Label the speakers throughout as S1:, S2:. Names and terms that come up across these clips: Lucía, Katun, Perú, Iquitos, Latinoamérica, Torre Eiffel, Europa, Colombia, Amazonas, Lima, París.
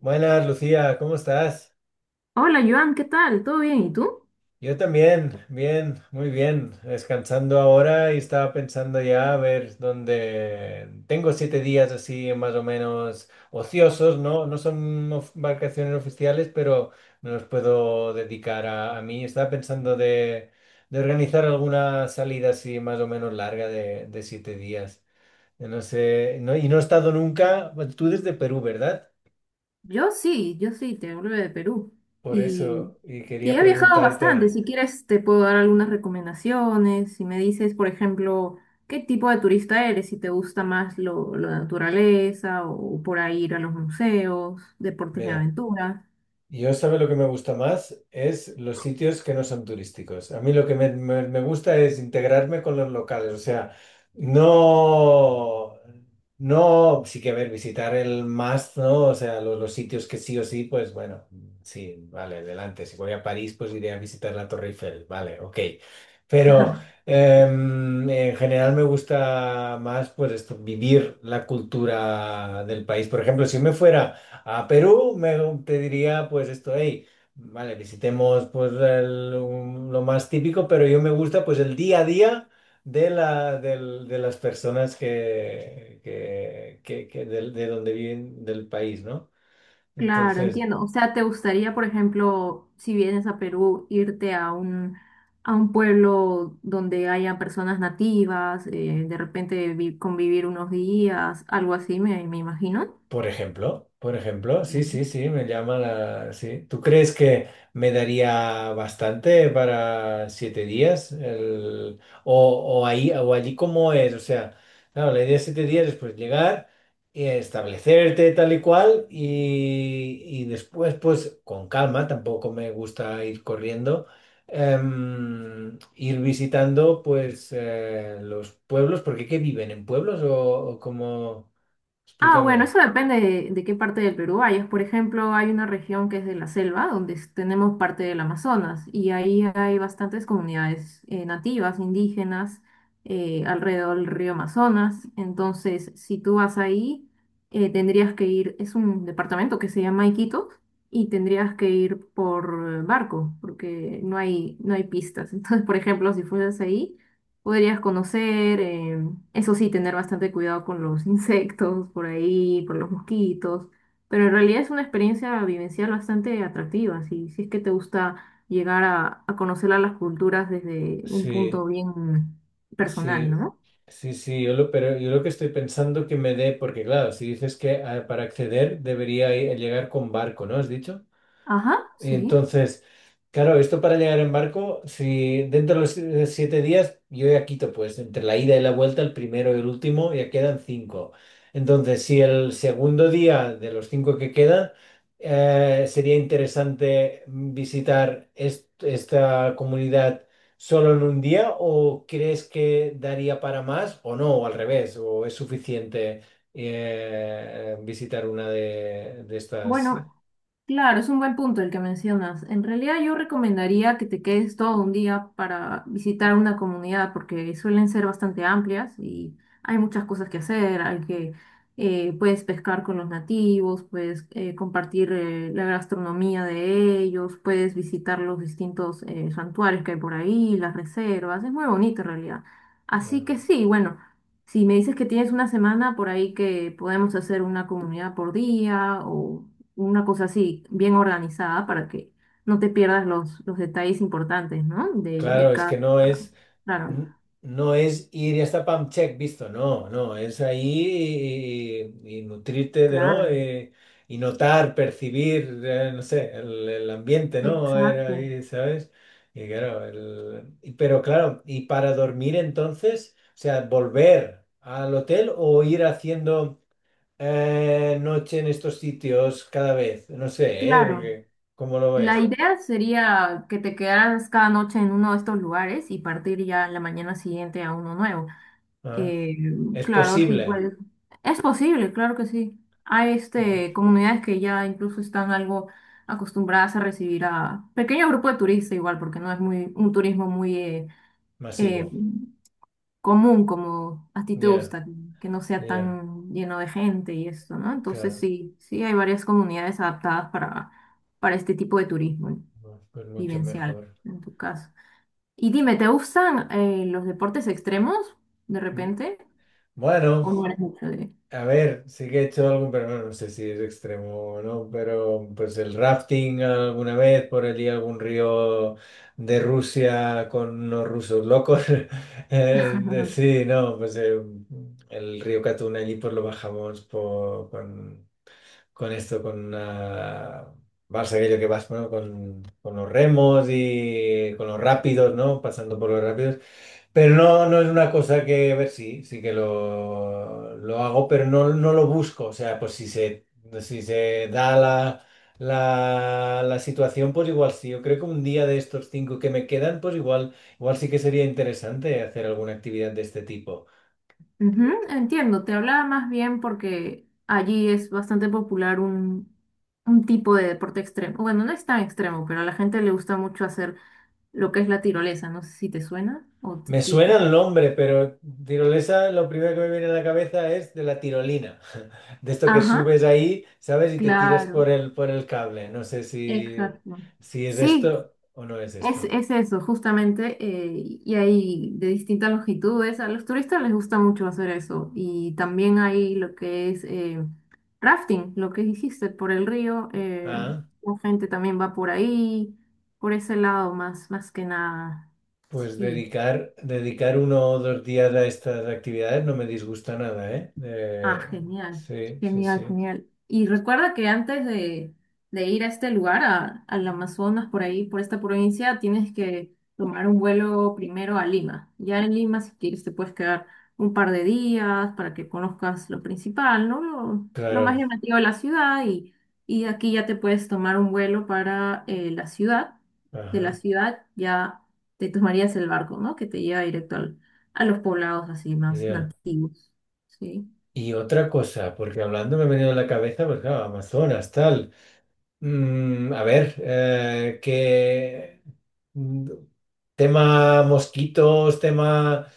S1: Buenas, Lucía, ¿cómo estás?
S2: Hola, Joan, ¿qué tal? ¿Todo bien? ¿Y tú?
S1: Yo también, bien, muy bien, descansando ahora y estaba pensando ya a ver dónde tengo 7 días así más o menos ociosos, ¿no? No son vacaciones oficiales, pero me los puedo dedicar a mí. Estaba pensando de organizar alguna salida así más o menos larga de 7 días. Yo no sé, no, y no he estado nunca, bueno, tú desde Perú, ¿verdad?
S2: Yo sí, te hablo de Perú.
S1: Por
S2: Y,
S1: eso, y
S2: y
S1: quería
S2: he viajado bastante.
S1: preguntarte,
S2: Si quieres, te puedo dar algunas recomendaciones. Si me dices, por ejemplo, qué tipo de turista eres, si te gusta más lo de naturaleza o por ahí ir a los museos, deportes de
S1: mira.
S2: aventura.
S1: Yo, ¿sabe lo que me gusta más? Es los sitios que no son turísticos. A mí lo que me gusta es integrarme con los locales. O sea, no, no, sí que a ver, visitar el más, ¿no? O sea, los sitios que sí o sí, pues bueno, sí, vale, adelante. Si voy a París, pues iré a visitar la Torre Eiffel. Vale, ok. Pero en general me gusta más, pues esto, vivir la cultura del país. Por ejemplo, si me fuera... A Perú me, te diría pues esto, hey, vale, visitemos pues lo más típico, pero yo me gusta pues el día a día de las personas donde viven del país, ¿no?
S2: Claro,
S1: Entonces,
S2: entiendo. O sea, ¿te gustaría, por ejemplo, si vienes a Perú, irte a a un pueblo donde haya personas nativas, de repente convivir unos días, algo así, me imagino?
S1: por ejemplo, sí,
S2: Ujú.
S1: sí, sí, me llama la... Sí. ¿Tú crees que me daría bastante para 7 días? O ahí, o allí cómo es, o sea, claro, la idea de 7 días es pues llegar y establecerte tal y cual y después pues con calma, tampoco me gusta ir corriendo, ir visitando pues los pueblos, porque ¿qué viven en pueblos o cómo?
S2: Ah, bueno,
S1: Explícame.
S2: eso depende de, qué parte del Perú vayas. Por ejemplo, hay una región que es de la selva, donde tenemos parte del Amazonas, y ahí hay bastantes comunidades nativas, indígenas, alrededor del río Amazonas. Entonces, si tú vas ahí, tendrías que ir, es un departamento que se llama Iquitos, y tendrías que ir por barco, porque no hay pistas. Entonces, por ejemplo, si fueras ahí podrías conocer. Eso sí, tener bastante cuidado con los insectos por ahí, por los mosquitos. Pero en realidad es una experiencia vivencial bastante atractiva. Si es que te gusta llegar a conocer a las culturas desde un punto
S1: Sí,
S2: bien personal,
S1: sí,
S2: ¿no?
S1: sí, sí, yo lo, pero yo lo que estoy pensando que me dé, porque claro, si dices que ah, para acceder debería llegar con barco, ¿no? ¿Has dicho?
S2: Ajá, sí.
S1: Entonces, claro, esto para llegar en barco, si dentro de los 7 días, yo ya quito, pues, entre la ida y la vuelta, el primero y el último, ya quedan 5. Entonces, si el segundo día de los 5 que quedan, sería interesante visitar esta comunidad solo en un día, ¿o crees que daría para más o no, o al revés, o es suficiente visitar una de estas?
S2: Bueno, claro, es un buen punto el que mencionas. En realidad yo recomendaría que te quedes todo un día para visitar una comunidad porque suelen ser bastante amplias y hay muchas cosas que hacer. Hay que Puedes pescar con los nativos, puedes compartir la gastronomía de ellos, puedes visitar los distintos santuarios que hay por ahí, las reservas. Es muy bonito en realidad. Así que
S1: Eh,
S2: sí, bueno. Si me dices que tienes una semana por ahí que podemos hacer una comunidad por día o una cosa así, bien organizada para que no te pierdas los detalles importantes, ¿no? De
S1: Claro, es que
S2: cada...
S1: no es,
S2: Claro,
S1: n- no es ir y hasta pump check visto, no, no, es ahí y, y nutrirte de, ¿no?
S2: claro,
S1: Y notar, percibir, no sé, el ambiente, ¿no? A ver,
S2: exacto.
S1: ahí, ¿sabes? Y claro, pero claro, y para dormir entonces, o sea, volver al hotel o ir haciendo noche en estos sitios cada vez, no sé, ¿eh?
S2: Claro.
S1: Porque, ¿cómo lo
S2: La
S1: ves?
S2: idea sería que te quedaras cada noche en uno de estos lugares y partir ya la mañana siguiente a uno nuevo.
S1: Ah,
S2: Eh,
S1: es
S2: claro, sí,
S1: posible,
S2: pues es posible, claro que sí. Hay
S1: ¿no?
S2: este, comunidades que ya incluso están algo acostumbradas a recibir a pequeño grupo de turistas igual, porque no es muy un turismo muy
S1: Masivo.
S2: eh, común, como a ti te
S1: Ya,
S2: gusta, que no sea
S1: ya,
S2: tan lleno de gente y eso, ¿no? Entonces
S1: claro,
S2: sí, sí hay varias comunidades adaptadas para este tipo de turismo
S1: no, pues mucho
S2: vivencial,
S1: mejor.
S2: en tu caso. Y dime, ¿te gustan los deportes extremos de
S1: Mm,
S2: repente?
S1: Bueno,
S2: ¿O no eres mucho de...?
S1: a ver, sí que he hecho algún, pero bueno, no sé si es extremo o no, pero pues el rafting alguna vez por allí, algún río de Rusia con unos rusos locos. Sí, no, pues el río Katun allí pues lo bajamos con esto, con una... Vas aquello que vas, bueno, con los remos y con los rápidos, ¿no? Pasando por los rápidos. Pero no, no es una cosa que, a ver, sí, sí que lo hago, pero no, no lo busco. O sea, pues si se, si se da la situación, pues igual sí. Yo creo que un día de estos 5 que me quedan, pues igual, igual sí que sería interesante hacer alguna actividad de este tipo.
S2: Ujú, entiendo, te hablaba más bien porque allí es bastante popular un tipo de deporte extremo. Bueno, no es tan extremo, pero a la gente le gusta mucho hacer lo que es la tirolesa. No sé si te suena o te
S1: Me suena
S2: explico.
S1: el nombre, pero tirolesa, lo primero que me viene a la cabeza es de la tirolina. De esto que
S2: Ajá,
S1: subes ahí, ¿sabes? Y te tiras
S2: claro,
S1: por el cable. No sé si,
S2: exacto.
S1: si es
S2: Sí,
S1: esto o no es
S2: Es,
S1: esto.
S2: es eso, justamente, y hay de distintas longitudes. A los turistas les gusta mucho hacer eso. Y también hay lo que es rafting, lo que dijiste, por el río.
S1: Ah,
S2: La gente también va por ahí, por ese lado más, más que nada.
S1: pues
S2: Sí.
S1: dedicar uno o 2 días a estas actividades no me disgusta nada, ¿eh?
S2: Ah, genial,
S1: Sí, sí,
S2: genial,
S1: sí.
S2: genial. Y recuerda que antes de ir a este lugar, al Amazonas, por ahí, por esta provincia, tienes que tomar un vuelo primero a Lima. Ya en Lima, si quieres, te puedes quedar un par de días para que conozcas lo principal, ¿no? Lo más
S1: Claro.
S2: llamativo de la ciudad y de aquí ya te puedes tomar un vuelo para la ciudad. De la
S1: Ajá.
S2: ciudad ya te tomarías el barco, ¿no? Que te lleva directo a los poblados así más
S1: Ya.
S2: nativos, ¿sí?
S1: Y otra cosa, porque hablando me ha venido a la cabeza, pues claro, Amazonas, tal. A ver, qué mm, tema mosquitos, tema.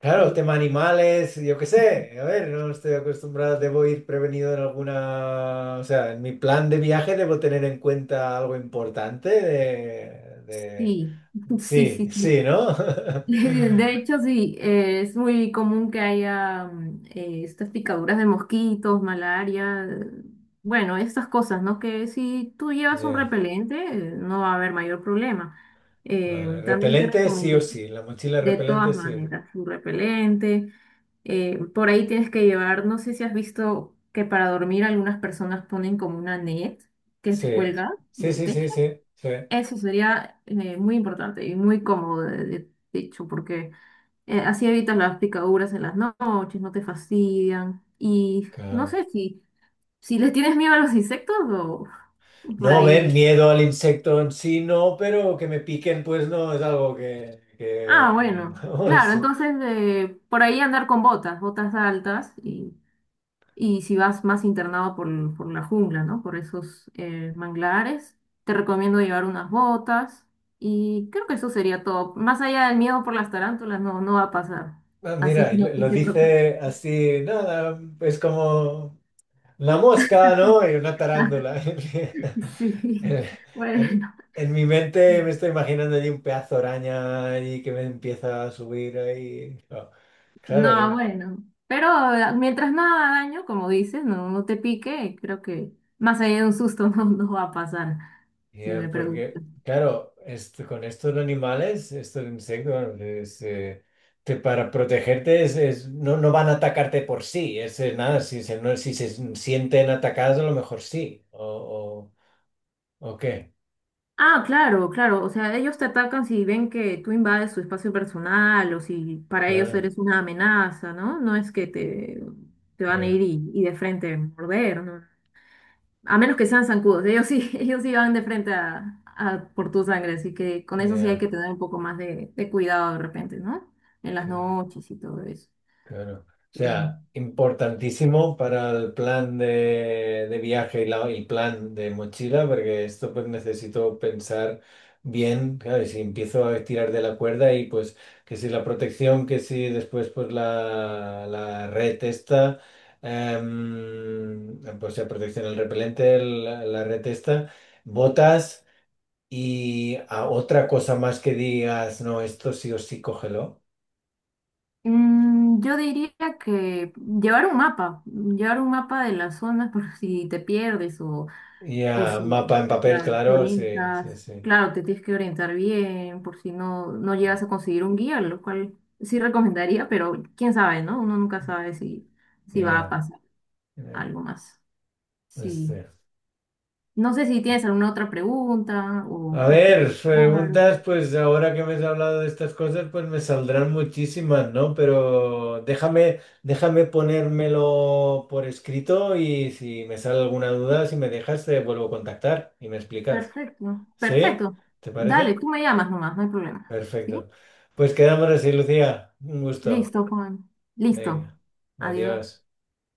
S1: Claro,
S2: Sí,
S1: tema animales, yo qué sé, a ver, no estoy acostumbrado, debo ir prevenido en alguna, o sea, en mi plan de viaje debo tener en cuenta algo importante de-
S2: sí, sí,
S1: Sí,
S2: sí, sí.
S1: sí, ¿no?
S2: De hecho, sí, es muy común que haya estas picaduras de mosquitos, malaria, bueno, estas cosas, ¿no? Que si tú llevas un
S1: Yeah,
S2: repelente, no va a haber mayor problema.
S1: vale.
S2: También te
S1: Repelente sí o
S2: recomendé,
S1: sí, la mochila
S2: de
S1: repelente
S2: todas
S1: sí.
S2: maneras, un repelente. Por ahí tienes que llevar, no sé si has visto que para dormir algunas personas ponen como una net que se
S1: Sí,
S2: cuelga
S1: sí,
S2: del
S1: sí,
S2: techo.
S1: sí, sí, sí.
S2: Eso sería muy importante y muy cómodo, de, de hecho, porque así evitas las picaduras en las noches, no te fastidian. Y no
S1: Claro.
S2: sé si, si les tienes miedo a los insectos o por
S1: No ver
S2: ahí.
S1: miedo al insecto en sí, no, pero que me piquen, pues no, es algo que
S2: Ah, bueno, claro,
S1: vamos.
S2: entonces por ahí andar con botas, botas altas y si vas más internado por, por la jungla, ¿no? Por esos manglares, te recomiendo llevar unas botas y creo que eso sería todo. Más allá del miedo por las tarántulas, no va a pasar.
S1: Ah,
S2: Así
S1: mira,
S2: que
S1: y
S2: no
S1: lo
S2: te preocupes.
S1: dice así, nada, es como la mosca, ¿no? Y una tarántula.
S2: Sí,
S1: En, en-
S2: bueno.
S1: en mi mente me estoy imaginando allí un pedazo de araña allí que me empieza a subir ahí. Oh, claro,
S2: No, bueno. Pero mientras nada haga daño, como dices, no te pique, creo que más allá de un susto no va a pasar,
S1: y,
S2: si me preguntas.
S1: porque, claro, con estos animales, estos insectos, bueno, es, para protegerte es, no, no van a atacarte por sí, es nada, si se, no, si se sienten atacados a lo mejor sí, o qué.
S2: Ah, claro, claro. O sea, ellos te atacan si ven que tú invades su espacio personal o si para ellos
S1: Claro,
S2: eres una amenaza, ¿no? Te van a
S1: ya,
S2: y de frente a morder, ¿no? A menos que sean zancudos. Ellos sí, ellos sí van de frente a por tu sangre. Así que con eso sí hay que
S1: ya,
S2: tener un poco más de cuidado de repente, ¿no? En las
S1: claro,
S2: noches y todo eso.
S1: claro. O
S2: Sí.
S1: sea, importantísimo para el plan de viaje y el plan de mochila, porque esto pues necesito pensar bien, claro, y si empiezo a tirar de la cuerda y pues que si la protección, que si después pues la red esta, pues la protección, el repelente, la red esta, botas y a otra cosa más que digas, no, esto sí o sí cógelo.
S2: Mm, yo diría que llevar un mapa de las zonas por si te pierdes o
S1: Ya,
S2: si,
S1: mapa en papel,
S2: claro, te
S1: claro, sí, sí,
S2: orientas,
S1: sí.
S2: claro, te tienes que orientar bien por si no, no llegas a conseguir un guía, lo cual sí recomendaría, pero quién sabe, ¿no? Uno nunca sabe si, si va a
S1: Ya,
S2: pasar
S1: ya,
S2: algo más. Sí.
S1: este.
S2: No sé si tienes alguna otra pregunta
S1: A
S2: o te
S1: ver,
S2: quedó claro.
S1: preguntas, pues ahora que me has hablado de estas cosas, pues me saldrán muchísimas, ¿no? Pero déjame, déjame ponérmelo por escrito y si me sale alguna duda, si me dejas, te vuelvo a contactar y me explicas.
S2: Perfecto,
S1: ¿Sí?
S2: perfecto.
S1: ¿Te
S2: Dale,
S1: parece?
S2: tú me llamas nomás, no hay problema. ¿Sí?
S1: Perfecto. Pues quedamos así, Lucía. Un gusto.
S2: Listo, Juan. Listo.
S1: Venga,
S2: Adiós.
S1: adiós.